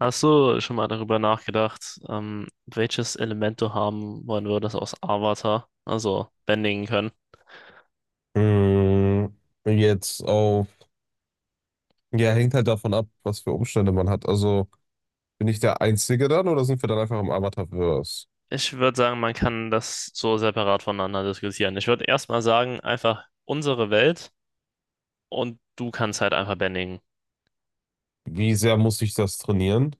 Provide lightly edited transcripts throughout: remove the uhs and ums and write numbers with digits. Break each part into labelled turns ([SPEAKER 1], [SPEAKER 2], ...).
[SPEAKER 1] Hast du schon mal darüber nachgedacht, welches Element du haben wollen würdest aus Avatar, also bändigen können?
[SPEAKER 2] Mm, jetzt auf, ja, hängt halt davon ab, was für Umstände man hat. Also bin ich der Einzige dann oder sind wir dann einfach im Avatarverse?
[SPEAKER 1] Ich würde sagen, man kann das so separat voneinander diskutieren. Ich würde erstmal sagen, einfach unsere Welt und du kannst halt einfach bändigen.
[SPEAKER 2] Wie sehr muss ich das trainieren?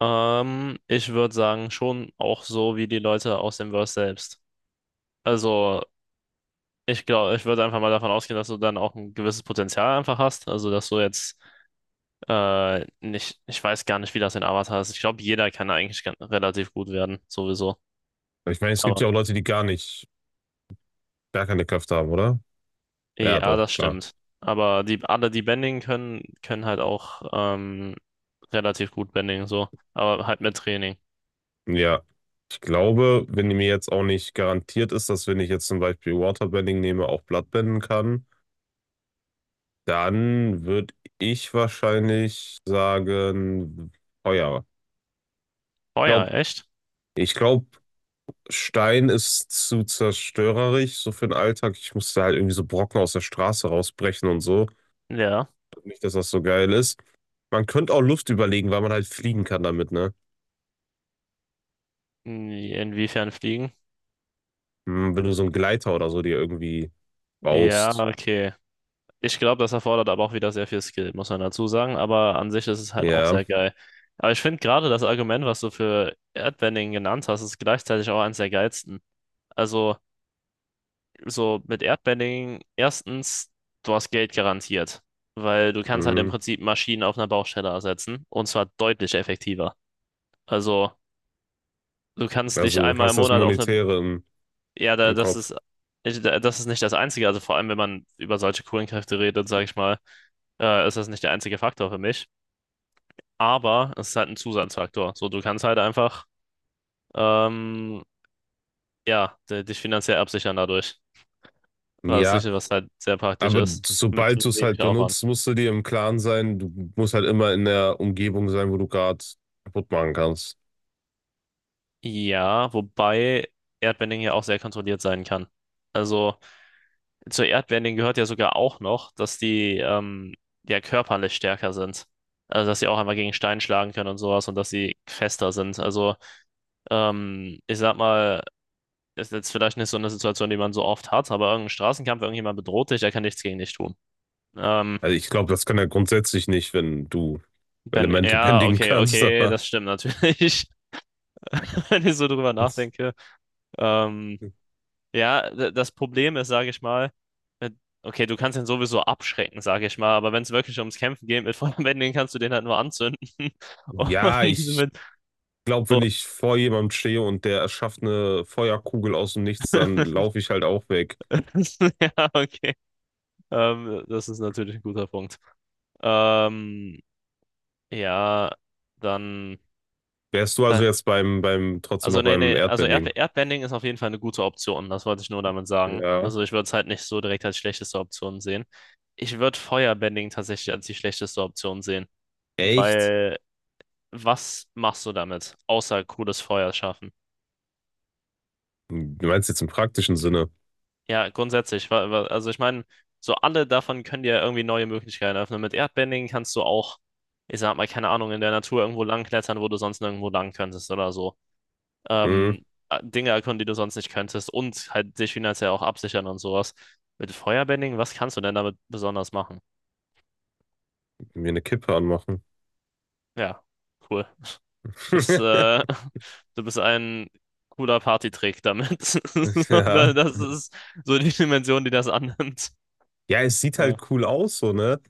[SPEAKER 1] Ich würde sagen, schon auch so wie die Leute aus dem Verse selbst. Also, ich glaube, ich würde einfach mal davon ausgehen, dass du dann auch ein gewisses Potenzial einfach hast. Also, dass du jetzt nicht, ich weiß gar nicht, wie das in Avatar ist. Ich glaube, jeder kann eigentlich relativ gut werden, sowieso.
[SPEAKER 2] Ich meine, es gibt
[SPEAKER 1] Aber
[SPEAKER 2] ja auch Leute, die gar nicht, gar keine Kräfte haben, oder? Ja,
[SPEAKER 1] ja,
[SPEAKER 2] doch,
[SPEAKER 1] das
[SPEAKER 2] klar.
[SPEAKER 1] stimmt. Aber die, alle, die Bending können, können halt auch relativ gut Bending, so. Aber halt mit Training.
[SPEAKER 2] Ja. Ich glaube, wenn mir jetzt auch nicht garantiert ist, dass wenn ich jetzt zum Beispiel Waterbending nehme, auch Bloodbenden kann, dann würde ich wahrscheinlich sagen, Feuer.
[SPEAKER 1] Oh
[SPEAKER 2] Ich
[SPEAKER 1] ja,
[SPEAKER 2] glaube,
[SPEAKER 1] echt?
[SPEAKER 2] ich glaube, Stein ist zu zerstörerisch, so für den Alltag. Ich musste halt irgendwie so Brocken aus der Straße rausbrechen und so.
[SPEAKER 1] Ja.
[SPEAKER 2] Nicht, dass das so geil ist. Man könnte auch Luft überlegen, weil man halt fliegen kann damit, ne?
[SPEAKER 1] Hm, inwiefern fliegen?
[SPEAKER 2] Hm, wenn du so einen Gleiter oder so dir irgendwie
[SPEAKER 1] Ja,
[SPEAKER 2] baust.
[SPEAKER 1] okay. Ich glaube, das erfordert aber auch wieder sehr viel Skill, muss man dazu sagen. Aber an sich ist es halt auch
[SPEAKER 2] Ja,
[SPEAKER 1] sehr geil. Aber ich finde gerade das Argument, was du für Erdbending genannt hast, ist gleichzeitig auch eines der geilsten. Also, so mit Erdbedding, erstens, du hast Geld garantiert, weil du kannst halt im
[SPEAKER 2] hm.
[SPEAKER 1] Prinzip Maschinen auf einer Baustelle ersetzen und zwar deutlich effektiver. Also du kannst dich
[SPEAKER 2] Also
[SPEAKER 1] einmal im
[SPEAKER 2] hast das
[SPEAKER 1] Monat auf eine,
[SPEAKER 2] Monetäre
[SPEAKER 1] ja,
[SPEAKER 2] im
[SPEAKER 1] das
[SPEAKER 2] Kopf.
[SPEAKER 1] ist, das ist nicht das Einzige, also vor allem, wenn man über solche Kohlenkräfte redet, sage ich mal, ist das nicht der einzige Faktor für mich, aber es ist halt ein Zusatzfaktor. So, du kannst halt einfach, ähm, ja, dich finanziell absichern dadurch, was,
[SPEAKER 2] Ja,
[SPEAKER 1] was halt sehr praktisch
[SPEAKER 2] aber
[SPEAKER 1] ist, mit
[SPEAKER 2] sobald du es halt
[SPEAKER 1] wenig Aufwand.
[SPEAKER 2] benutzt, musst du dir im Klaren sein, du musst halt immer in der Umgebung sein, wo du gerade kaputt machen kannst.
[SPEAKER 1] Ja, wobei Erdbending ja auch sehr kontrolliert sein kann. Also zu Erdbending gehört ja sogar auch noch, dass die ja körperlich stärker sind. Also dass sie auch einmal gegen Stein schlagen können und sowas und dass sie fester sind. Also ich sag mal, ist jetzt vielleicht nicht so eine Situation, die man so oft hat, aber irgendein Straßenkampf, irgendjemand bedroht dich, der kann nichts gegen dich tun. Ähm,
[SPEAKER 2] Also ich glaube, das kann er grundsätzlich nicht, wenn du
[SPEAKER 1] wenn,
[SPEAKER 2] Elemente
[SPEAKER 1] ja,
[SPEAKER 2] bändigen
[SPEAKER 1] okay,
[SPEAKER 2] kannst.
[SPEAKER 1] okay,
[SPEAKER 2] Aber
[SPEAKER 1] das stimmt natürlich, wenn ich so drüber nachdenke. Ähm, Ja, das Problem ist, sage ich mal, äh, okay, du kannst ihn sowieso abschrecken, sage ich mal, aber wenn es wirklich ums Kämpfen geht mit Feuerbändigen, kannst du den halt nur anzünden. Und
[SPEAKER 2] ja, ich
[SPEAKER 1] mit
[SPEAKER 2] glaube,
[SPEAKER 1] so.
[SPEAKER 2] wenn ich vor jemandem stehe und der erschafft eine Feuerkugel aus dem Nichts, dann laufe ich halt auch weg.
[SPEAKER 1] Ja, okay. Das ist natürlich ein guter Punkt. Ähm, ja, dann,
[SPEAKER 2] Wärst du also
[SPEAKER 1] dann.
[SPEAKER 2] jetzt trotzdem
[SPEAKER 1] Also,
[SPEAKER 2] noch
[SPEAKER 1] nee,
[SPEAKER 2] beim
[SPEAKER 1] nee, also
[SPEAKER 2] Erdbending?
[SPEAKER 1] Erdbending ist auf jeden Fall eine gute Option, das wollte ich nur damit sagen.
[SPEAKER 2] Ja.
[SPEAKER 1] Also, ich würde es halt nicht so direkt als schlechteste Option sehen. Ich würde Feuerbending tatsächlich als die schlechteste Option sehen,
[SPEAKER 2] Echt?
[SPEAKER 1] weil was machst du damit, außer cooles Feuer schaffen?
[SPEAKER 2] Du meinst jetzt im praktischen Sinne?
[SPEAKER 1] Ja, grundsätzlich. Also ich meine, so alle davon können dir ja irgendwie neue Möglichkeiten öffnen. Mit Erdbending kannst du auch, ich sag mal, keine Ahnung, in der Natur irgendwo langklettern, wo du sonst nirgendwo lang könntest oder so.
[SPEAKER 2] Hm,
[SPEAKER 1] Dinge erkunden, die du sonst nicht könntest und halt dich finanziell auch absichern und sowas. Mit Feuerbending, was kannst du denn damit besonders machen?
[SPEAKER 2] mir eine Kippe anmachen.
[SPEAKER 1] Ja, cool. bist, du bist ein cooler Partytrick damit. So,
[SPEAKER 2] Ja.
[SPEAKER 1] das ist so die Dimension, die das annimmt.
[SPEAKER 2] Ja, es sieht
[SPEAKER 1] Ja.
[SPEAKER 2] halt cool aus, so, ne?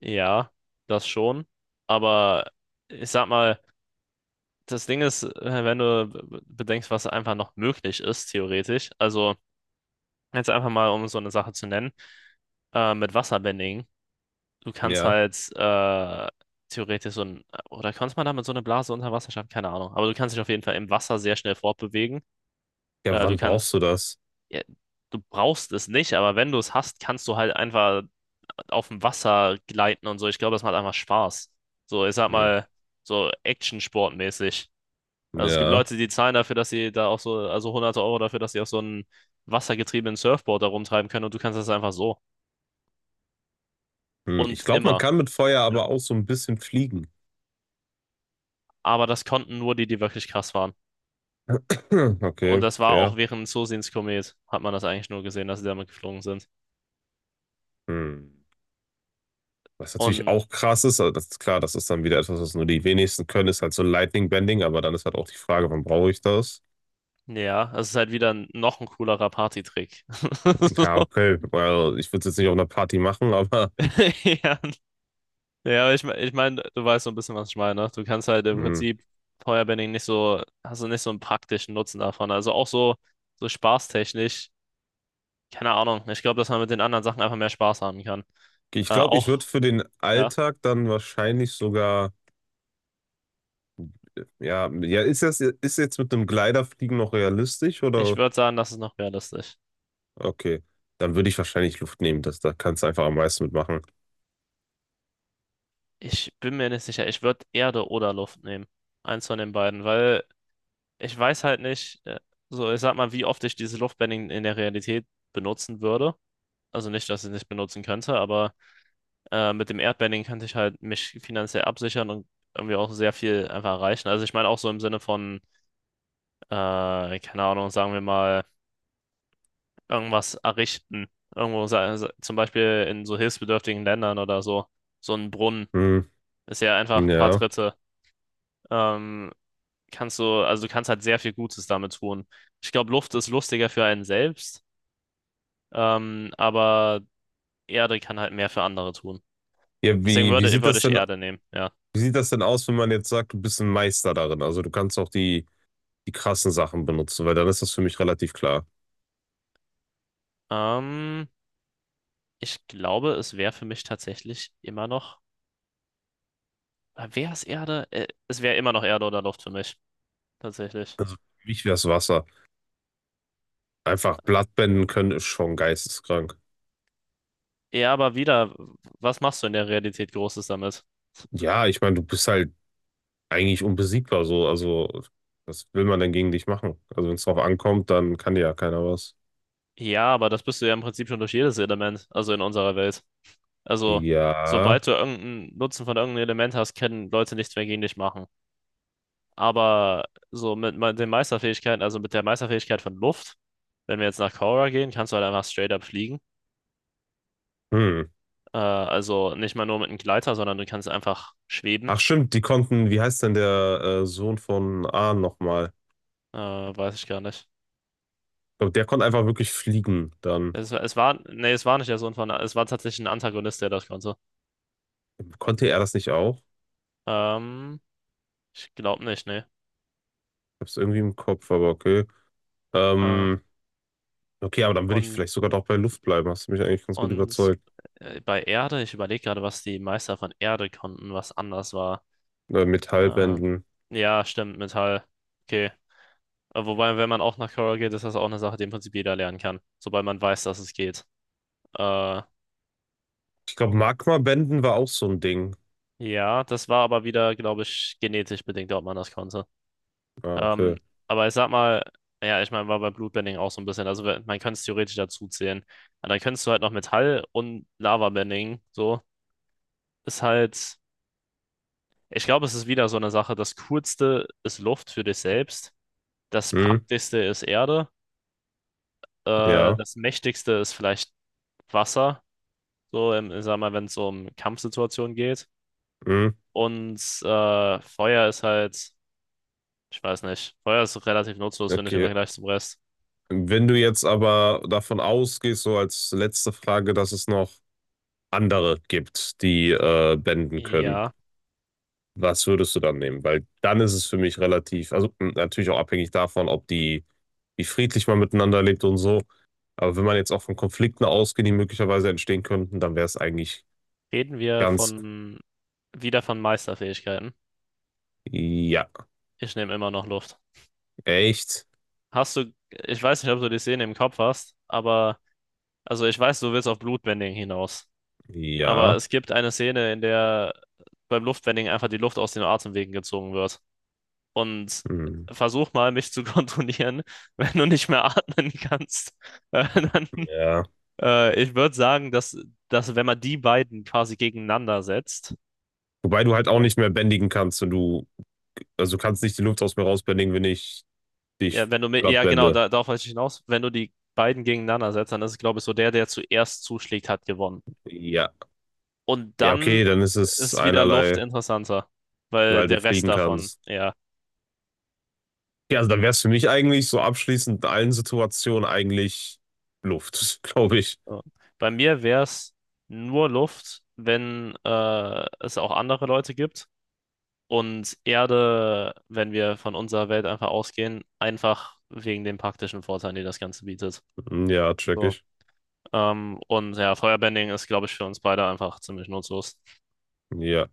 [SPEAKER 1] Ja, das schon. Aber ich sag mal, das Ding ist, wenn du bedenkst, was einfach noch möglich ist, theoretisch. Also, jetzt einfach mal, um so eine Sache zu nennen, mit Wasserbending. Du kannst
[SPEAKER 2] Ja.
[SPEAKER 1] halt theoretisch so ein, oder kannst man damit so eine Blase unter Wasser schaffen? Keine Ahnung. Aber du kannst dich auf jeden Fall im Wasser sehr schnell fortbewegen.
[SPEAKER 2] Ja,
[SPEAKER 1] Du
[SPEAKER 2] wann brauchst
[SPEAKER 1] kannst
[SPEAKER 2] du das?
[SPEAKER 1] ja, du brauchst es nicht, aber wenn du es hast, kannst du halt einfach auf dem Wasser gleiten und so. Ich glaube, das macht einfach Spaß. So, ich sag
[SPEAKER 2] Hm.
[SPEAKER 1] mal, so Action-Sportmäßig. Also es gibt
[SPEAKER 2] Ja.
[SPEAKER 1] Leute, die zahlen dafür, dass sie da auch so, also hunderte Euro dafür, dass sie auf so einem wassergetriebenen Surfboard da rumtreiben können und du kannst das einfach so.
[SPEAKER 2] Hm, ich
[SPEAKER 1] Und
[SPEAKER 2] glaube, man
[SPEAKER 1] immer.
[SPEAKER 2] kann mit Feuer
[SPEAKER 1] Ja.
[SPEAKER 2] aber auch so ein bisschen fliegen.
[SPEAKER 1] Aber das konnten nur die, die wirklich krass waren. Und
[SPEAKER 2] Okay,
[SPEAKER 1] das war auch
[SPEAKER 2] fair.
[SPEAKER 1] während Sosins Komet, hat man das eigentlich nur gesehen, dass sie damit geflogen sind.
[SPEAKER 2] Hm. Was natürlich
[SPEAKER 1] Und
[SPEAKER 2] auch krass ist, aber das ist klar, das ist dann wieder etwas, was nur die wenigsten können, ist halt so Lightning Bending, aber dann ist halt auch die Frage, wann brauche ich das?
[SPEAKER 1] ja, es ist halt wieder noch ein coolerer Partytrick.
[SPEAKER 2] Ja, okay, well, ich würde es jetzt nicht auf einer Party machen, aber
[SPEAKER 1] Ja, ja, aber ich, ich meine, du weißt so ein bisschen, was ich meine. Ne? Du kannst halt im
[SPEAKER 2] hm.
[SPEAKER 1] Prinzip Feuerbending nicht so, hast du nicht so einen praktischen Nutzen davon. Also auch so, so spaßtechnisch, keine Ahnung. Ich glaube, dass man mit den anderen Sachen einfach mehr Spaß haben kann.
[SPEAKER 2] Ich glaube, ich würde
[SPEAKER 1] Auch,
[SPEAKER 2] für den
[SPEAKER 1] ja,
[SPEAKER 2] Alltag dann wahrscheinlich sogar, ja, ja, ist das, ist jetzt mit einem Gliderfliegen noch realistisch
[SPEAKER 1] ich
[SPEAKER 2] oder?
[SPEAKER 1] würde sagen, das ist noch realistisch.
[SPEAKER 2] Okay, dann würde ich wahrscheinlich Luft nehmen, das, da kannst du einfach am meisten mitmachen.
[SPEAKER 1] Ich bin mir nicht sicher. Ich würde Erde oder Luft nehmen. Eins von den beiden, weil ich weiß halt nicht, so, ich sag mal, wie oft ich dieses Luftbending in der Realität benutzen würde. Also nicht, dass ich es nicht benutzen könnte, aber. Mit dem Erdbanding kann ich halt mich finanziell absichern und irgendwie auch sehr viel einfach erreichen. Also ich meine auch so im Sinne von, keine Ahnung, sagen wir mal, irgendwas errichten. Irgendwo, zum Beispiel in so hilfsbedürftigen Ländern oder so. So ein Brunnen
[SPEAKER 2] Hm,
[SPEAKER 1] ist ja einfach ein paar
[SPEAKER 2] ja.
[SPEAKER 1] Tritte. Ähm, kannst du, also du kannst halt sehr viel Gutes damit tun. Ich glaube, Luft ist lustiger für einen selbst, aber Erde kann halt mehr für andere tun.
[SPEAKER 2] Ja,
[SPEAKER 1] Deswegen
[SPEAKER 2] wie sieht
[SPEAKER 1] würde
[SPEAKER 2] das
[SPEAKER 1] ich
[SPEAKER 2] denn,
[SPEAKER 1] Erde nehmen, ja.
[SPEAKER 2] wie sieht das denn aus, wenn man jetzt sagt, du bist ein Meister darin? Also du kannst auch die, die krassen Sachen benutzen, weil dann ist das für mich relativ klar.
[SPEAKER 1] Ähm, ich glaube, es wäre für mich tatsächlich immer noch. Wäre es Erde? Es wäre immer noch Erde oder Luft für mich. Tatsächlich.
[SPEAKER 2] Für mich wär's Wasser. Einfach Blattbänden können ist schon geisteskrank.
[SPEAKER 1] Ja, aber wieder, was machst du in der Realität Großes damit?
[SPEAKER 2] Ja, ich meine, du bist halt eigentlich unbesiegbar so. Also, was will man denn gegen dich machen? Also, wenn es drauf ankommt, dann kann dir ja keiner was.
[SPEAKER 1] Ja, aber das bist du ja im Prinzip schon durch jedes Element, also in unserer Welt. Also,
[SPEAKER 2] Ja.
[SPEAKER 1] sobald du irgendeinen Nutzen von irgendeinem Element hast, können Leute nichts mehr gegen dich machen. Aber so mit den Meisterfähigkeiten, also mit der Meisterfähigkeit von Luft, wenn wir jetzt nach Korra gehen, kannst du halt einfach straight up fliegen.
[SPEAKER 2] Hm.
[SPEAKER 1] Also nicht mal nur mit einem Gleiter, sondern du kannst einfach schweben.
[SPEAKER 2] Ach stimmt, die konnten, wie heißt denn der Sohn von Ahn nochmal?
[SPEAKER 1] Weiß ich gar nicht.
[SPEAKER 2] Ich glaub, der konnte einfach wirklich fliegen. Dann
[SPEAKER 1] Es war, nee, es war nicht der Sohn von, es war tatsächlich ein Antagonist, der das konnte.
[SPEAKER 2] konnte er das nicht auch?
[SPEAKER 1] Ähm, ich glaube nicht, nee.
[SPEAKER 2] Hab's irgendwie im Kopf, aber okay.
[SPEAKER 1] Äh,
[SPEAKER 2] Ähm, okay, aber dann würde ich
[SPEAKER 1] und,
[SPEAKER 2] vielleicht sogar doch bei Luft bleiben. Hast du mich eigentlich ganz gut
[SPEAKER 1] und
[SPEAKER 2] überzeugt.
[SPEAKER 1] bei Erde, ich überlege gerade, was die Meister von Erde konnten, was anders war. Äh,
[SPEAKER 2] Metallbänden.
[SPEAKER 1] ja, stimmt, Metall. Okay. Wobei, wenn man auch nach Korra geht, ist das auch eine Sache, die im Prinzip jeder lernen kann, sobald man weiß, dass es geht. Äh,
[SPEAKER 2] Ich glaube, Magmabänden war auch so ein Ding.
[SPEAKER 1] ja, das war aber wieder, glaube ich, genetisch bedingt, ob man das konnte.
[SPEAKER 2] Ah,
[SPEAKER 1] Ähm,
[SPEAKER 2] okay.
[SPEAKER 1] aber ich sag mal, ja, ich meine, war bei Bloodbending auch so ein bisschen. Also man könnte es theoretisch dazu zählen. Aber dann könntest du halt noch Metall und Lavabending. So ist halt, ich glaube, es ist wieder so eine Sache. Das Coolste ist Luft für dich selbst. Das
[SPEAKER 2] Hm,
[SPEAKER 1] Praktischste ist Erde.
[SPEAKER 2] ja.
[SPEAKER 1] Das Mächtigste ist vielleicht Wasser. So, im, ich sag mal, wenn es so um Kampfsituationen geht.
[SPEAKER 2] Hm,
[SPEAKER 1] Und Feuer ist halt, ich weiß nicht, Feuer ist relativ nutzlos, finde ich, im
[SPEAKER 2] okay.
[SPEAKER 1] Vergleich zum Rest.
[SPEAKER 2] Wenn du jetzt aber davon ausgehst, so als letzte Frage, dass es noch andere gibt, die bänden können,
[SPEAKER 1] Ja.
[SPEAKER 2] was würdest du dann nehmen? Weil dann ist es für mich relativ, also mh, natürlich auch abhängig davon, ob die, wie friedlich man miteinander lebt und so. Aber wenn man jetzt auch von Konflikten ausgeht, die möglicherweise entstehen könnten, dann wäre es eigentlich
[SPEAKER 1] Reden wir
[SPEAKER 2] ganz,
[SPEAKER 1] von wieder von Meisterfähigkeiten.
[SPEAKER 2] ja,
[SPEAKER 1] Ich nehme immer noch Luft.
[SPEAKER 2] echt,
[SPEAKER 1] Hast du, ich weiß nicht, ob du die Szene im Kopf hast, aber, also ich weiß, du willst auf Blutbending hinaus. Aber
[SPEAKER 2] ja,
[SPEAKER 1] es gibt eine Szene, in der beim Luftbending einfach die Luft aus den Atemwegen gezogen wird. Und
[SPEAKER 2] hm,
[SPEAKER 1] versuch mal, mich zu kontrollieren, wenn du nicht mehr atmen kannst. Dann,
[SPEAKER 2] ja.
[SPEAKER 1] ich würde sagen, dass, dass wenn man die beiden quasi gegeneinander setzt,
[SPEAKER 2] Wobei du halt auch nicht mehr bändigen kannst und du, also du kannst nicht die Luft aus mir rausbändigen, wenn ich dich
[SPEAKER 1] ja, wenn du mit,
[SPEAKER 2] platt
[SPEAKER 1] ja genau,
[SPEAKER 2] bände.
[SPEAKER 1] da, darauf wollte ich hinaus. Wenn du die beiden gegeneinander setzt, dann ist, es, glaube ich, so der, der zuerst zuschlägt, hat gewonnen.
[SPEAKER 2] Ja.
[SPEAKER 1] Und
[SPEAKER 2] Ja,
[SPEAKER 1] dann
[SPEAKER 2] okay, dann ist es
[SPEAKER 1] ist wieder Luft
[SPEAKER 2] einerlei,
[SPEAKER 1] interessanter, weil
[SPEAKER 2] weil du
[SPEAKER 1] der Rest
[SPEAKER 2] fliegen
[SPEAKER 1] davon,
[SPEAKER 2] kannst.
[SPEAKER 1] ja.
[SPEAKER 2] Ja, also dann wäre es für mich eigentlich so abschließend in allen Situationen eigentlich Luft, glaube ich.
[SPEAKER 1] So. Bei mir wäre es nur Luft, wenn es auch andere Leute gibt. Und Erde, wenn wir von unserer Welt einfach ausgehen, einfach wegen den praktischen Vorteilen, die das Ganze bietet.
[SPEAKER 2] Hm, ja, check
[SPEAKER 1] So.
[SPEAKER 2] ich.
[SPEAKER 1] Und ja, Feuerbending ist, glaube ich, für uns beide einfach ziemlich nutzlos.
[SPEAKER 2] Ja.